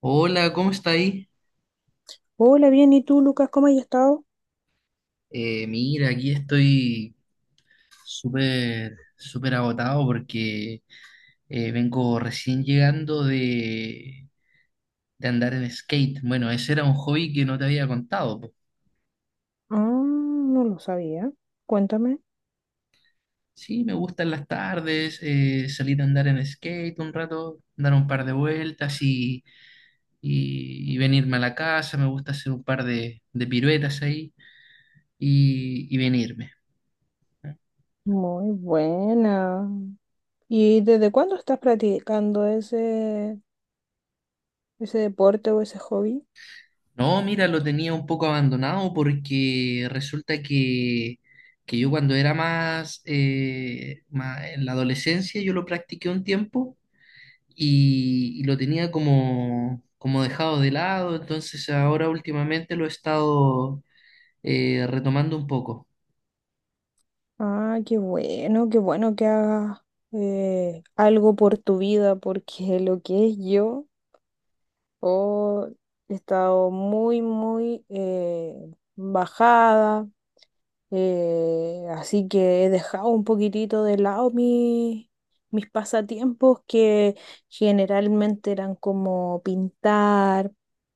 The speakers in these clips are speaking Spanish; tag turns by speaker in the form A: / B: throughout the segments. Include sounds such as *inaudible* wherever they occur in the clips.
A: Hola, ¿cómo está ahí?
B: Hola, bien, ¿y tú, Lucas? ¿Cómo has estado?
A: Mira, aquí estoy súper, súper agotado porque vengo recién llegando de andar en skate. Bueno, ese era un hobby que no te había contado. Po.
B: Ah, no lo sabía. Cuéntame.
A: Sí, me gustan las tardes, salir a andar en skate un rato, dar un par de vueltas y venirme a la casa. Me gusta hacer un par de piruetas ahí y venirme.
B: Muy buena. ¿Y desde cuándo estás practicando ese deporte o ese hobby?
A: No, mira, lo tenía un poco abandonado porque resulta que yo cuando era más, más en la adolescencia yo lo practiqué un tiempo y lo tenía como, como dejado de lado, entonces ahora últimamente lo he estado retomando un poco.
B: Ah, qué bueno que hagas algo por tu vida, porque lo que es yo, oh, he estado muy, muy bajada. Así que he dejado un poquitito de lado mis pasatiempos que generalmente eran como pintar.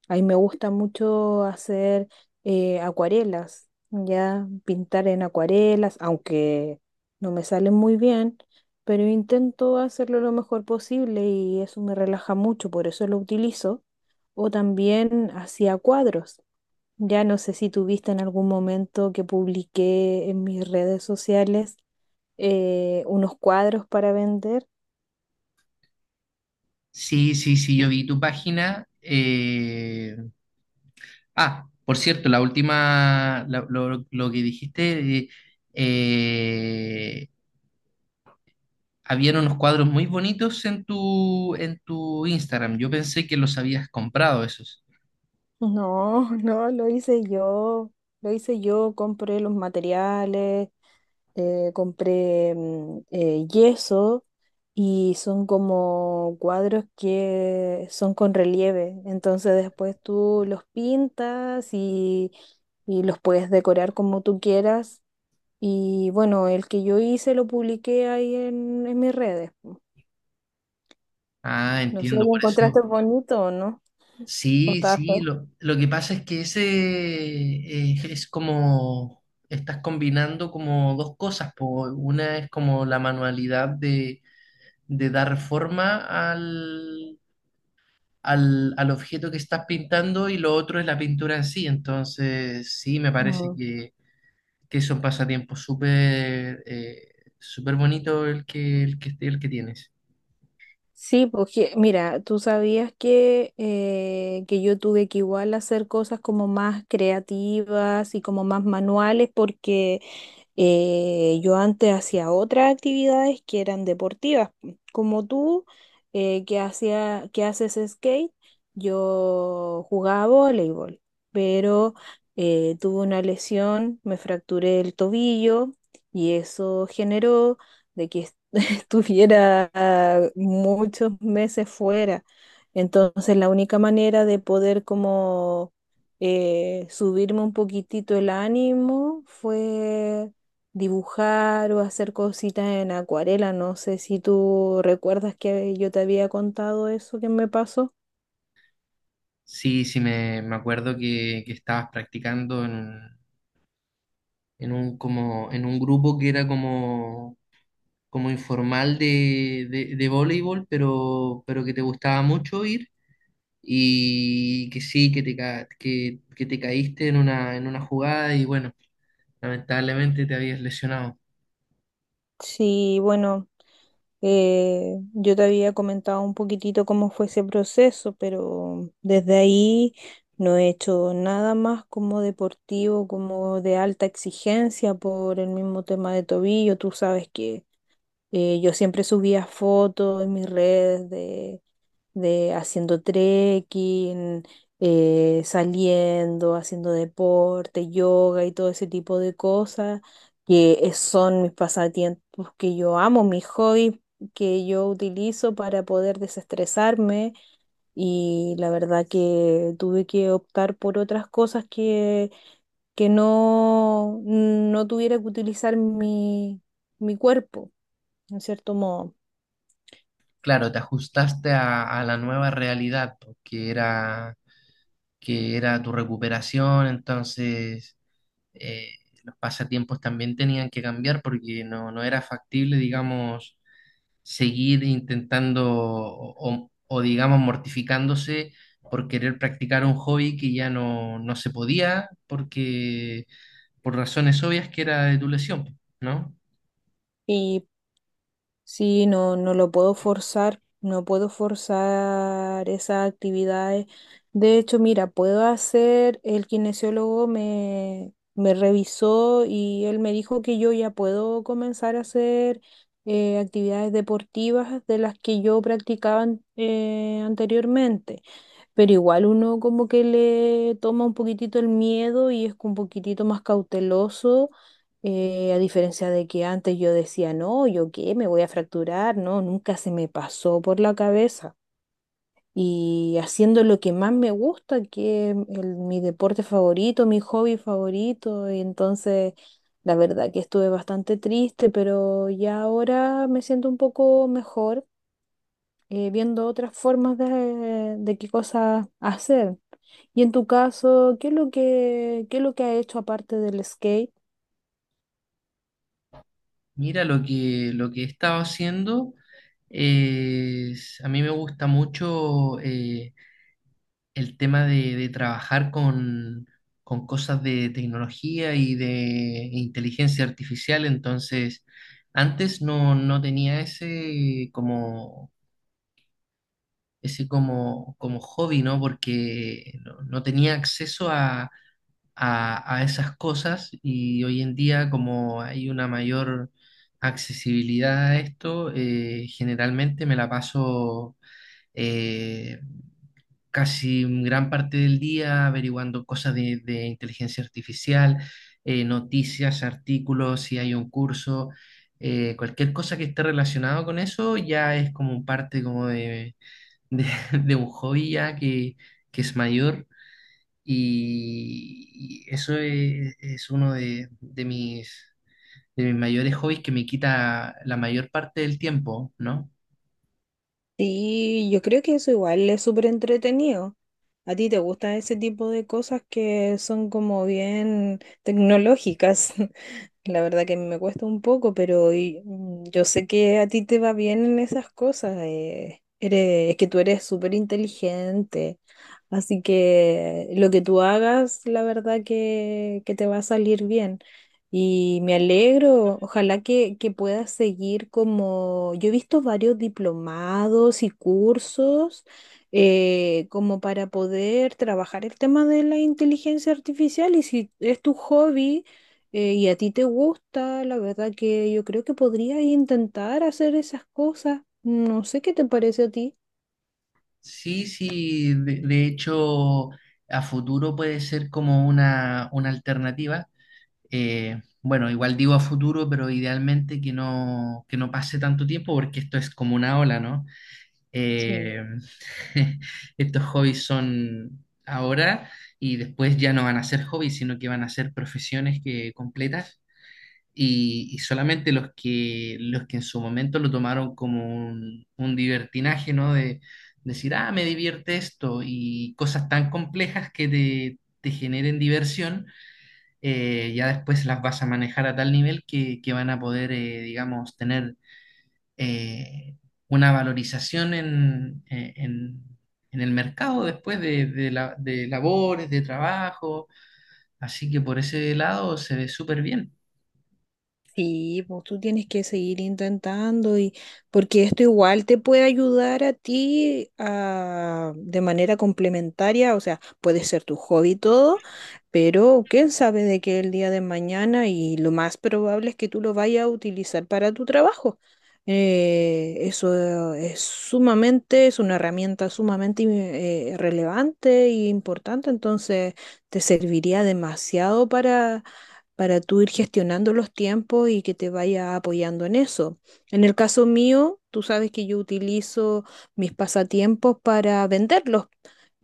B: Ahí me gusta mucho hacer acuarelas, ya pintar en acuarelas, aunque no me salen muy bien, pero intento hacerlo lo mejor posible y eso me relaja mucho, por eso lo utilizo. O también hacía cuadros. Ya no sé si tuviste en algún momento que publiqué en mis redes sociales unos cuadros para vender. *laughs*
A: Sí, sí, sí, yo vi tu página. Ah, por cierto, la última, lo que dijiste... eh, Habían unos cuadros muy bonitos en tu Instagram. Yo pensé que los habías comprado esos.
B: No, no, lo hice yo. Lo hice yo, compré los materiales, compré yeso, y son como cuadros que son con relieve. Entonces después tú los pintas y los puedes decorar como tú quieras. Y bueno, el que yo hice lo publiqué ahí en mis redes.
A: Ah,
B: No sé si
A: entiendo,
B: lo
A: por eso.
B: encontraste bonito o no. O
A: Sí,
B: estaba
A: sí,
B: feo.
A: lo que pasa es que ese es como, estás combinando como dos cosas. Po. Una es como la manualidad de dar forma al, al objeto que estás pintando y lo otro es la pintura en sí. Entonces, sí, me parece
B: Mm.
A: que son pasatiempos súper súper bonito el que, el que, el que tienes.
B: Sí, porque mira, tú sabías que yo tuve que igual hacer cosas como más creativas y como más manuales porque yo antes hacía otras actividades que eran deportivas, como tú. Que hacía, que haces skate, yo jugaba voleibol, pero tuve una lesión, me fracturé el tobillo y eso generó de que estuviera muchos meses fuera. Entonces, la única manera de poder como subirme un poquitito el ánimo fue dibujar o hacer cositas en acuarela. No sé si tú recuerdas que yo te había contado eso que me pasó.
A: Sí, sí, me acuerdo que estabas practicando en un, como, en un grupo que era como, como informal de voleibol, pero que te gustaba mucho ir y que sí, que te caíste en una jugada y bueno, lamentablemente te habías lesionado.
B: Sí, bueno. Yo te había comentado un poquitito cómo fue ese proceso, pero desde ahí no he hecho nada más como deportivo, como de alta exigencia por el mismo tema de tobillo. Tú sabes que yo siempre subía fotos en mis redes de haciendo trekking, saliendo, haciendo deporte, yoga y todo ese tipo de cosas, son mis pasatiempos que yo amo, mis hobbies que yo utilizo para poder desestresarme, y la verdad que tuve que optar por otras cosas que no, no tuviera que utilizar mi cuerpo, en cierto modo.
A: Claro, te ajustaste a la nueva realidad, pues, que era tu recuperación, entonces eh, los pasatiempos también tenían que cambiar porque no, no era factible, digamos, seguir intentando o, digamos, mortificándose por querer practicar un hobby que ya no, no se podía porque por razones obvias que era de tu lesión, ¿no?
B: Y sí, no, no lo puedo forzar, no puedo forzar esas actividades. De hecho, mira, puedo hacer, el kinesiólogo me revisó y él me dijo que yo ya puedo comenzar a hacer actividades deportivas de las que yo practicaba anteriormente. Pero igual uno como que le toma un poquitito el miedo y es un poquitito más cauteloso, a diferencia de que antes yo decía, no, ¿yo qué? Me voy a fracturar, no, nunca se me pasó por la cabeza. Y haciendo lo que más me gusta, que es mi deporte favorito, mi hobby favorito, y entonces la verdad que estuve bastante triste, pero ya ahora me siento un poco mejor, viendo otras formas de qué cosas hacer. Y en tu caso, ¿qué es lo que, qué es lo que has hecho aparte del skate?
A: Mira, lo que he estado haciendo es, a mí me gusta mucho el tema de trabajar con cosas de tecnología y de inteligencia artificial. Entonces, antes no, no tenía ese como, como hobby, ¿no? Porque no, no tenía acceso a esas cosas y hoy en día como hay una mayor accesibilidad a esto, generalmente me la paso eh, casi gran parte del día averiguando cosas de inteligencia artificial, noticias, artículos, si hay un curso. Cualquier cosa que esté relacionado con eso ya es como parte como de, *laughs* de un hobby ya que es mayor y eso es uno de mis mayores hobbies que me quita la mayor parte del tiempo, ¿no?
B: Sí, yo creo que eso igual es súper entretenido. ¿A ti te gustan ese tipo de cosas que son como bien tecnológicas? *laughs* La verdad que a mí me cuesta un poco, pero yo sé que a ti te va bien en esas cosas. Es que tú eres súper inteligente. Así que lo que tú hagas, la verdad que te va a salir bien. Y me alegro, ojalá que puedas seguir como... Yo he visto varios diplomados y cursos como para poder trabajar el tema de la inteligencia artificial, y si es tu hobby y a ti te gusta, la verdad que yo creo que podrías intentar hacer esas cosas. No sé qué te parece a ti.
A: Sí, sí, de hecho, a futuro puede ser como una alternativa. Bueno, igual digo a futuro, pero idealmente que no pase tanto tiempo porque esto es como una ola, ¿no?
B: Sí.
A: Eh, *laughs* estos hobbies son ahora y después ya no van a ser hobbies, sino que van a ser profesiones que completas y solamente los que en su momento lo tomaron como un divertinaje, ¿no? De decir, ah, me divierte esto y cosas tan complejas que te generen diversión, ya después las vas a manejar a tal nivel que van a poder, digamos, tener eh, una valorización en el mercado después de, de labores, de trabajo. Así que por ese lado se ve súper bien.
B: Sí, pues tú tienes que seguir intentando y porque esto igual te puede ayudar a ti de manera complementaria, o sea, puede ser tu hobby y todo, pero quién sabe de qué el día de mañana y lo más probable es que tú lo vayas a utilizar para tu trabajo. Eso es sumamente, es una herramienta sumamente relevante e importante, entonces te serviría demasiado para tú ir gestionando los tiempos y que te vaya apoyando en eso. En el caso mío, tú sabes que yo utilizo mis pasatiempos para venderlos.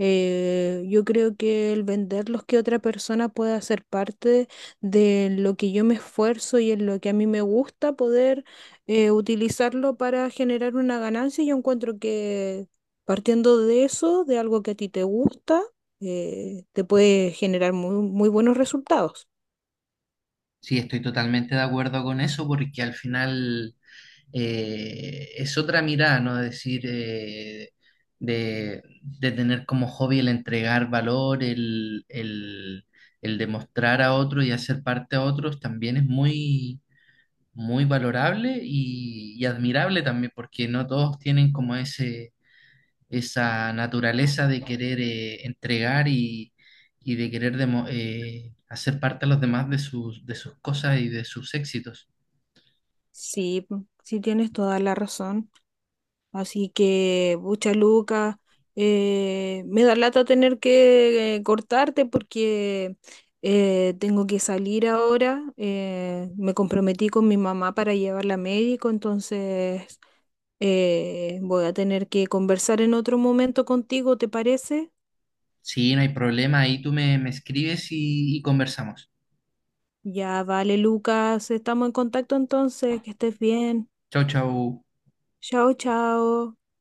B: Yo creo que el venderlos, que otra persona pueda hacer parte de lo que yo me esfuerzo y en lo que a mí me gusta poder utilizarlo para generar una ganancia, yo encuentro que partiendo de eso, de algo que a ti te gusta, te puede generar muy, muy buenos resultados.
A: Sí, estoy totalmente de acuerdo con eso porque al final es otra mirada, ¿no? Decir, de tener como hobby el entregar valor, el demostrar a otro y hacer parte a otros, también es muy muy valorable y admirable también, porque no todos tienen como ese, esa naturaleza de querer entregar y de querer hacer parte a los demás de sus cosas y de sus éxitos.
B: Sí, mm, sí tienes toda la razón. Así que, bucha Luca, me da lata tener que cortarte porque tengo que salir ahora. Me comprometí con mi mamá para llevarla a médico, entonces voy a tener que conversar en otro momento contigo, ¿te parece?
A: Sí, no hay problema, ahí tú me, me escribes y conversamos.
B: Ya, vale, Lucas, estamos en contacto entonces, que estés bien.
A: Chau, chau.
B: Chao, chao.